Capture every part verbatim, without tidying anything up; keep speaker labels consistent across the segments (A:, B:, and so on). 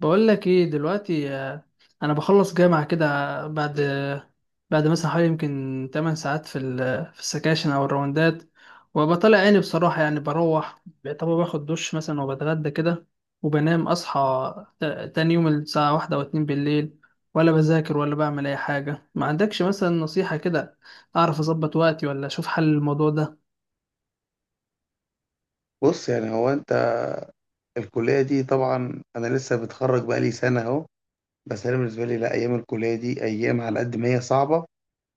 A: بقول لك ايه دلوقتي، آه، انا بخلص جامعة كده. بعد بعد مثلا حوالي يمكن 8 ساعات في ال- في السكاشن او الراوندات، وببقى طالع عيني بصراحة. يعني بروح، طب باخد دش مثلا وبتغدى كده وبنام. اصحى تا- تاني يوم الساعة واحدة او اتنين بالليل، ولا بذاكر ولا بعمل اي حاجة. ما عندكش مثلا نصيحة كده اعرف اظبط وقتي، ولا اشوف حل الموضوع ده؟
B: بص يعني هو انت. الكلية دي طبعا انا لسه متخرج بقالي سنة اهو. بس انا بالنسبة لي لا، ايام الكلية دي، ايام على قد ما هي صعبة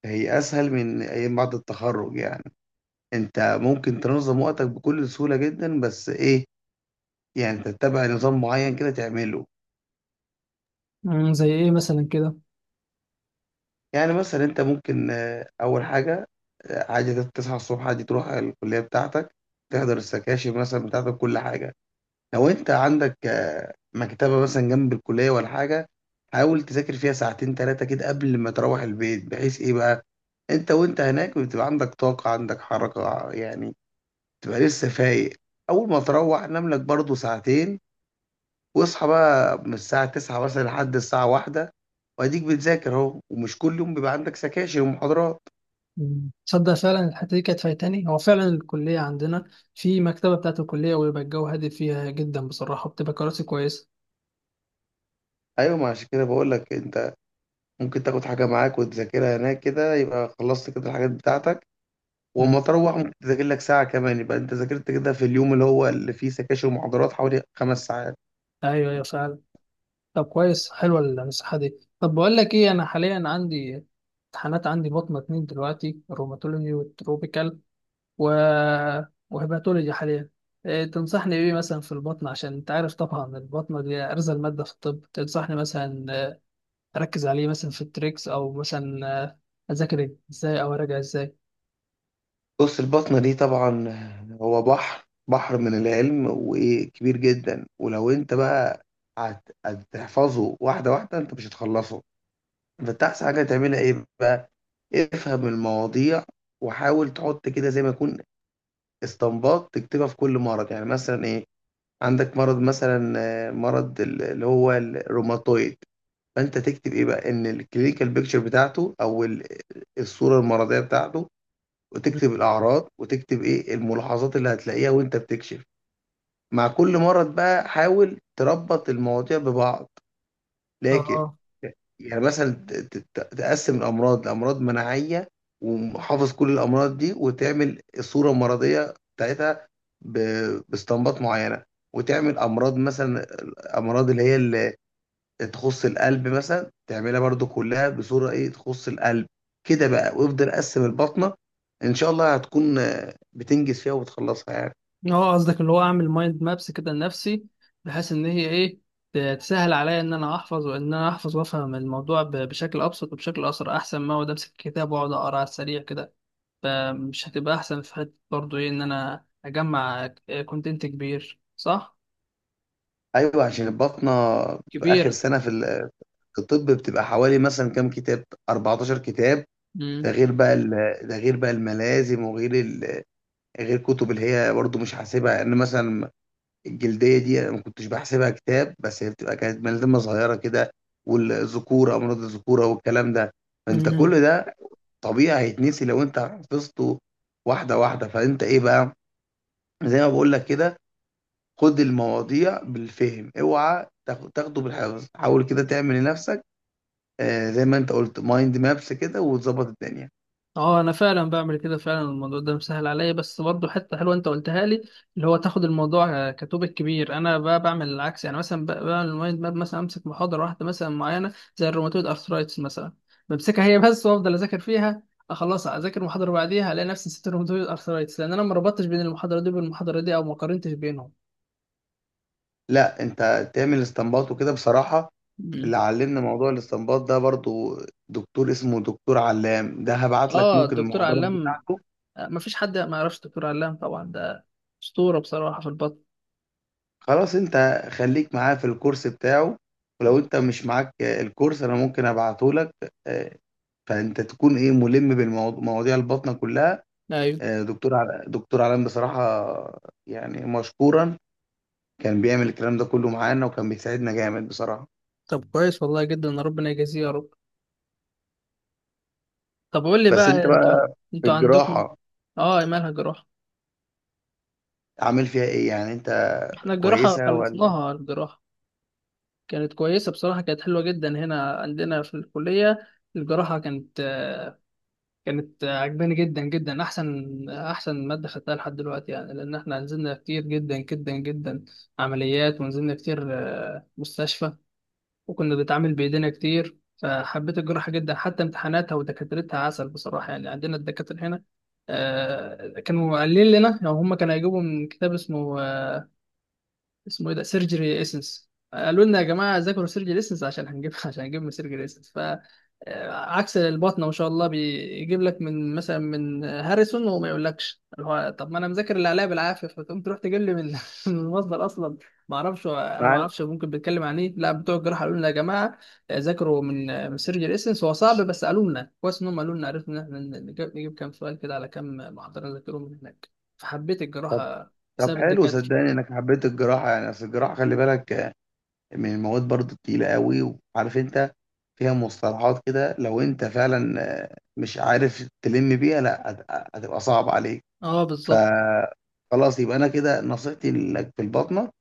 B: هي اسهل من ايام بعد التخرج يعني. انت ممكن تنظم وقتك بكل سهولة جدا، بس ايه؟ يعني انت تتبع نظام معين كده تعمله.
A: مم، زي ايه مثلا كده؟
B: يعني مثلا انت ممكن آه، اول حاجة آه، عادي تصحى الصبح، عادي تروح الكلية بتاعتك، تحضر السكاشن مثلا بتاعتك، كل حاجة. لو انت عندك آه، مكتبة مثلا جنب الكلية ولا حاجة، حاول تذاكر فيها ساعتين تلاتة كده قبل ما تروح البيت، بحيث ايه بقى، انت وانت هناك بتبقى عندك طاقة، عندك حركة يعني، تبقى لسه فايق. اول ما تروح نام لك برضو ساعتين، واصحى بقى من الساعة تسعة مثلا لحد الساعة واحدة، واديك بتذاكر اهو. ومش كل يوم بيبقى عندك سكاشن ومحاضرات.
A: مم. تصدق فعلا، الحته دي كانت فايتاني. هو فعلا الكليه عندنا في مكتبه بتاعه الكليه، ويبقى الجو هادي فيها جدا بصراحه، بتبقى كراسي كويسه.
B: ايوه، ما عشان كده بقول لك انت ممكن تاخد حاجة معاك وتذاكرها هناك كده، يبقى خلصت كده الحاجات بتاعتك.
A: مم.
B: واما تروح ممكن تذاكر لك ساعة كمان، يبقى انت ذاكرت كده في اليوم اللي هو اللي فيه سكاشن ومحاضرات حوالي خمس ساعات.
A: ايوه، ايوه، فعلا. طب كويس، حلوه النصيحه دي. طب بقول لك ايه، انا حاليا عندي امتحانات، عندي بطنه اتنين دلوقتي، روماتولوجي والتروبيكال و... وهيباتولوجي حاليا. إيه تنصحني بايه مثلا في البطن؟ عشان انت عارف طبعا البطنه دي ارزل ماده في الطب. تنصحني مثلا آه، اركز عليه مثلا في التريكس، او مثلا آه، اذاكر إيه؟ ازاي، او اراجع ازاي؟
B: بص، البطنة دي طبعا هو بحر، بحر من العلم وكبير جدا. ولو انت بقى هت- هتحفظه واحدة واحدة، انت مش هتخلصه. فانت احسن حاجة تعملها ايه بقى، افهم المواضيع وحاول تحط كده زي ما يكون استنباط تكتبها في كل مرض. يعني مثلا ايه، عندك مرض مثلا آه، مرض ال- اللي هو الروماتويد، فانت تكتب ايه بقى؟ ان الكلينيكال بيكتشر بتاعته، او ال- الصوره المرضيه بتاعته.
A: اه،
B: وتكتب الاعراض، وتكتب ايه الملاحظات اللي هتلاقيها وانت بتكشف مع كل مرض بقى. حاول تربط المواضيع ببعض، لكن
A: اه،
B: يعني مثلا ت- ت- تقسم الامراض لامراض مناعيه، وحافظ كل الامراض دي، وتعمل الصوره المرضيه بتاعتها ب- باستنباط معينه. وتعمل امراض مثلا، امراض اللي هي تخص القلب مثلا، تعملها برضو كلها بصورة ايه تخص القلب. كده بقى، وافضل قسم البطنة ان شاء الله هتكون آه، بتنجز فيها وبتخلصها يعني.
A: قصدك اللي هو اعمل مايند مابس كده لنفسي، بحيث ان هي ايه ت- تسهل عليا، ان انا احفظ وان انا احفظ وافهم الموضوع ب- بشكل ابسط وبشكل اسرع، احسن ما اقعد امسك الكتاب واقعد اقرا على السريع كده. فمش هتبقى احسن في حته برضه ايه، ان انا اجمع كونتنت كبير، صح؟
B: ايوه، عشان البطنة باخر
A: كبير.
B: سنة في ال- في الطب بتبقى حوالي مثلا كام كتاب، اربعتاشر كتاب. ده غير بقى ال- ده غير بقى الملازم، وغير ال- غير كتب اللي هي برضو مش حاسبها، ان مثلا الجلدية دي انا ما كنتش بحسبها كتاب، بس هي بتبقى كانت ملازمة صغيرة كده، والذكورة، امراض الذكورة والكلام ده. فانت
A: امم.
B: كل ده طبيعي هيتنسي لو انت حفظته واحده واحده. فانت ايه بقى، زي ما بقول لك كده، خد المواضيع بالفهم، اوعى تاخ- تاخده بالحفظ. حاول كده تعمل لنفسك آه، زي ما انت قلت مايند مابس كده، وتظبط الدنيا.
A: اه، انا فعلا بعمل كده، فعلا الموضوع ده مسهل عليا. بس برضه حته حلوه انت قلتها لي، اللي هو تاخد الموضوع آه، كتوبك كبير. انا بقى بعمل العكس، يعني مثلا ب- بعمل المايند ماب. مثلا امسك محاضره واحده مثلا معينه زي الروماتويد ارثرايتس مثلا، بمسكها هي بس وافضل اذاكر فيها. آه، خلاص اذاكر محاضره بعديها الاقي نفسي نسيت الروماتويد ارثرايتس، لان انا ما ربطتش بين المحاضره دي والمحاضره دي، او ما قارنتش بينهم.
B: لا انت تعمل استنباط وكده بصراحه. اللي
A: مم.
B: علمنا موضوع الاستنباط ده برضو دكتور اسمه دكتور علام، ده هبعت لك
A: اه،
B: ممكن
A: الدكتور
B: المحاضرات
A: علام.
B: بتاعته.
A: آه، ما فيش حد ما يعرفش الدكتور علام طبعا، ده اسطوره بصراحه في البطن.
B: خلاص انت خليك معاه في الكورس بتاعه. ولو انت مش معاك آه، الكورس انا ممكن ابعته لك. آه، فانت تكون ايه، ملم بالمواضيع الباطنه كلها.
A: ايوه.
B: آه، دكتور عل- دكتور علام بصراحه يعني مشكورا، كان بيعمل الكلام ده كله معانا، وكان بيساعدنا جامد بصراحه.
A: طب كويس والله جدا، ربنا يجازيه يا رب. طب قول لي
B: بس
A: بقى
B: انت
A: انت،
B: بقى في
A: انتوا عندكم،
B: الجراحه
A: اه، مالها جراحة؟
B: عامل فيها ايه يعني انت،
A: احنا الجراحة
B: كويسه ولا؟
A: خلصناها. الجراحة كانت كويسة بصراحة، كانت حلوة جدا هنا عندنا في الكلية. الجراحة كانت آه، كانت آه، عجباني جدا جدا، احسن احسن مادة خدتها لحد دلوقتي يعني، لان احنا نزلنا كتير جدا جدا جدا عمليات، ونزلنا كتير آه، مستشفى، وكنا بنتعامل بايدينا كتير. فحبيت الجراحه جدا، حتى امتحاناتها ودكاترتها عسل بصراحه. يعني عندنا الدكاتره هنا آه، كانوا قايلين لنا يعني هم كانوا هيجيبوا من كتاب اسمه آه، اسمه ايه ده، سيرجري اسنس. قالوا لنا يا جماعه، ذاكروا سيرجري اسنس عشان هنجيب عشان هنجيب من سيرجري اسنس. ف آه، عكس البطنه ما شاء الله بيجيب لك من مثلا من هاريسون، وما يقولكش اللي هو طب ما انا مذاكر اللي عليا بالعافيه، فتقوم تروح تجيب لي من من المصدر اصلا. ما اعرفش، انا ما
B: مع
A: اعرفش ممكن بيتكلم عن ايه. لا، بتوع الجراحه قالوا لنا يا جماعه آه، ذاكروا من آه، من سيرجري اسنس. هو صعب، بس قالوا لنا كويس ان هم قالوا لنا، عرفنا ان احنا نجيب نجيب كام سؤال كده على كام محاضره نذاكرهم من هناك. فحبيت
B: طب،
A: الجراحه
B: طب
A: بسبب
B: حلو
A: الدكاتره.
B: صدقني انك حبيت الجراحه. يعني اصل الجراحه خلي بالك آه، من المواد برضو التقيله قوي. وعارف انت فيها مصطلحات كده، لو انت فعلا آه، مش عارف تلم بيها، لا هت- هتبقى صعب عليك.
A: اه،
B: ف
A: بالظبط.
B: خلاص، يبقى انا كده نصيحتي لك في البطنه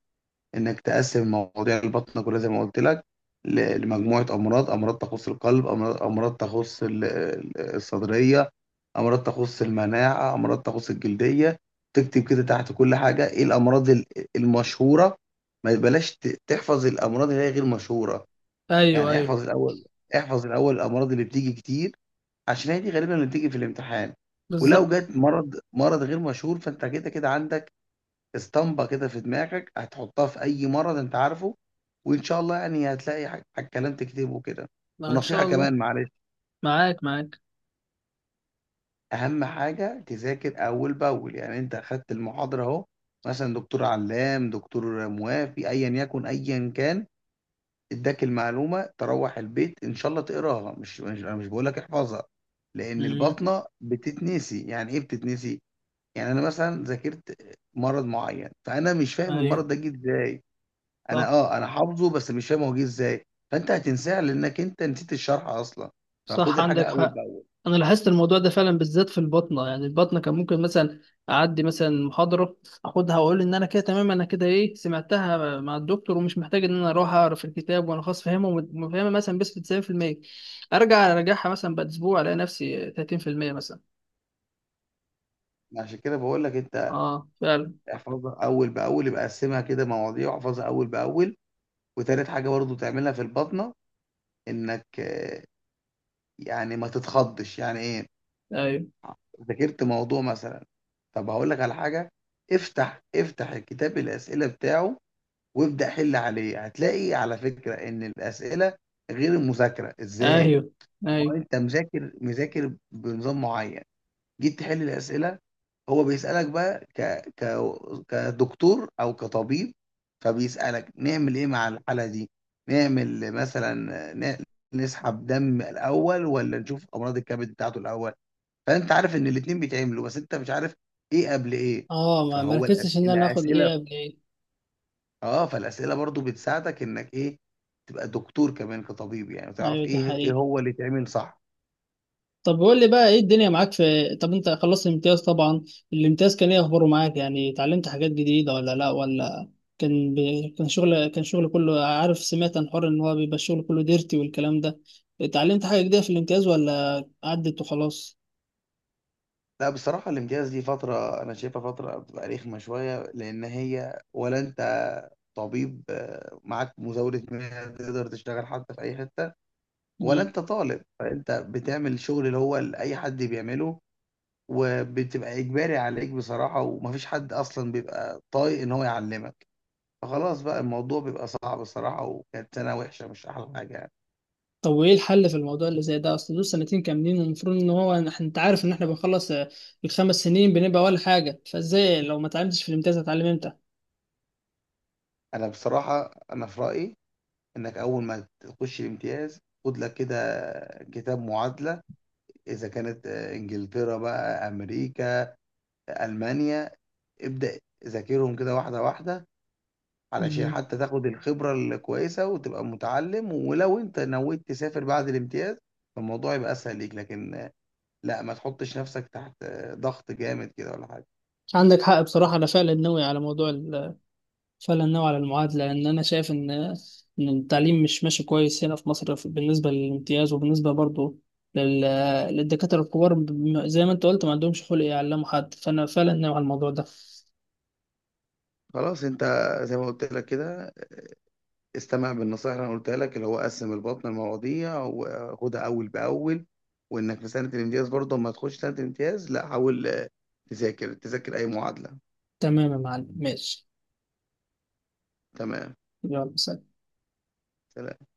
B: انك تقسم مواضيع البطنه كلها زي ما قلت لك ل- لمجموعه امراض. امراض تخص القلب، امراض، امراض تخص ال- ال- الصدريه، امراض تخص المناعه، امراض تخص الجلديه. تكتب كده تحت كل حاجه ايه الامراض ال- المشهوره. ما بلاش ت- تحفظ الامراض اللي هي غير مشهوره.
A: ايوه،
B: يعني
A: ايوه،
B: احفظ الاول، احفظ الاول الامراض اللي بتيجي كتير، عشان هي دي غالبا اللي بتيجي في الامتحان. ولو
A: بالظبط.
B: جت مرض، مرض غير مشهور، فانت كده كده عندك اسطمبة كده في دماغك هتحطها في أي مرض أنت عارفه، وإن شاء الله يعني هتلاقي ح- ح- كلام تكتبه كده.
A: آه، ان
B: ونصيحة
A: شاء الله.
B: كمان معلش،
A: معاك، معاك.
B: أهم حاجة تذاكر أول بأول. يعني أنت أخدت المحاضرة أهو، مثلا دكتور علام، دكتور موافي، أيا يكن، أيا كان، اداك المعلومة، تروح البيت إن شاء الله تقراها. مش مش أنا مش بقول لك احفظها، لأن
A: امم.
B: البطنة بتتنسي. يعني إيه بتتنسي؟ يعني أنا مثلا ذاكرت مرض معين، فأنا مش فاهم
A: ايوه.
B: المرض ده جه إزاي. انا
A: صح،
B: اه، انا حافظه بس مش فاهم هو جه ازاي. فانت هتنساه لانك انت نسيت الشرح اصلا. فخد
A: صح، عندك
B: الحاجه اول
A: حق.
B: باول.
A: انا لاحظت الموضوع ده فعلا، بالذات في البطنه. يعني البطنه كان ممكن مثلا اعدي مثلا محاضره، اخدها واقول ان انا كده تمام، انا كده ايه، سمعتها مع الدكتور ومش محتاج ان انا اروح اعرف الكتاب، وانا خلاص فاهمه، وفاهمه مثلا بس تسعين في المية، ارجع اراجعها مثلا بعد اسبوع الاقي نفسي ثلاثين في المية مثلا.
B: عشان كده بقول لك انت
A: اه، فعلا.
B: احفظها اول باول، يبقى قسمها كده مواضيع واحفظها اول باول. وتالت حاجه برضو تعملها في البطنه، انك آه، يعني ما تتخضش. يعني ايه؟
A: ايوه،
B: ذاكرت موضوع مثلا، طب هقول لك على حاجه، افتح افتح الكتاب الاسئله بتاعه، وابدا حل عليه. هتلاقي على فكره ان الاسئله غير المذاكره ازاي.
A: ايوه،
B: ما هو
A: ايوه.
B: انت مذاكر، مذاكر بنظام معين، جيت تحل الاسئله، هو بيسالك بقى ك... ك... كدكتور او كطبيب. فبيسالك نعمل ايه مع الحاله دي، نعمل مثلا ن... نسحب دم الاول، ولا نشوف امراض الكبد بتاعته الاول. فانت عارف ان الاتنين بيتعملوا، بس انت مش عارف ايه قبل ايه.
A: اه، ما
B: فهو الأس...
A: مركزتش ان انا اخد ايه
B: الاسئله،
A: قبل ايه.
B: اه فالاسئله برضو بتساعدك انك ايه، تبقى دكتور كمان، كطبيب يعني، وتعرف
A: ايوه، ده
B: ايه، ايه
A: حقيقي.
B: هو اللي يتعمل صح.
A: طب قول لي بقى ايه الدنيا معاك في طب؟ انت خلصت الامتياز طبعا. الامتياز كان ايه اخباره معاك؟ يعني اتعلمت حاجات جديدة ولا لا، ولا كان ب... كان شغل كان شغل كله. عارف سمعت عن حوار ان هو بيبقى الشغل كله ديرتي والكلام ده. اتعلمت حاجة جديدة في الامتياز، ولا عدت وخلاص؟
B: لا بصراحة الامتياز دي فترة أنا شايفها فترة بتبقى رخمة شوية. لأن هي ولا أنت طبيب آه، معاك مزاولة مهنة تقدر تشتغل حتى في أي حتة، ولا
A: مم.
B: أنت طالب، فأنت بتعمل شغل اللي هو اللي أي حد بيعمله، وبتبقى إجباري عليك بصراحة. ومفيش حد أصلا بيبقى طايق إن هو يعلمك، فخلاص بقى الموضوع بيبقى صعب الصراحة. وكانت سنة وحشة، مش أحلى حاجة يعني.
A: طب وايه الحل في الموضوع اللي زي ده؟ اصل دول سنتين كاملين، والمفروض ان هو إن إحنا- انت عارف ان احنا بنخلص آه، الخمس سنين بنبقى ولا حاجة. فازاي لو ما اتعلمتش في الامتياز هتعلم امتى؟
B: أنا بصراحة أنا في رأيي إنك أول ما تخش الامتياز، خد لك كده كتاب معادلة، اذا كانت آه، انجلترا بقى، امريكا، المانيا، ابدا ذاكرهم كده واحده واحده، علشان
A: مم.
B: حتى تاخد الخبره الكويسه وتبقى متعلم. ولو انت نويت تسافر بعد الامتياز، فالموضوع يبقى اسهل ليك. لكن آه، لا ما تحطش نفسك تحت آه، ضغط جامد كده ولا حاجه.
A: عندك حق بصراحة. أنا فعلا ناوي على موضوع، فعلا نوع على المعادلة، لأن أنا شايف إن إن التعليم مش ماشي كويس هنا في مصر. في- بالنسبة للامتياز، وبالنسبة برضه لل- للدكاترة الكبار، بم- زي ما أنت قلت ما عندهمش خلق يعلموا حد. فأنا فعلا نوع على الموضوع ده.
B: خلاص انت زي ما قلت لك كده استمع بالنصائح اللي انا قلتها لك، اللي هو قسم البطن المواضيع وخدها اول باول. وانك في سنه الامتياز برضه، ما تخش سنه الامتياز، لا حاول آه، تذاكر تذاكر اي معادله.
A: تمام يا معلم، ماشي.
B: تمام،
A: يلا، سلام.
B: سلام.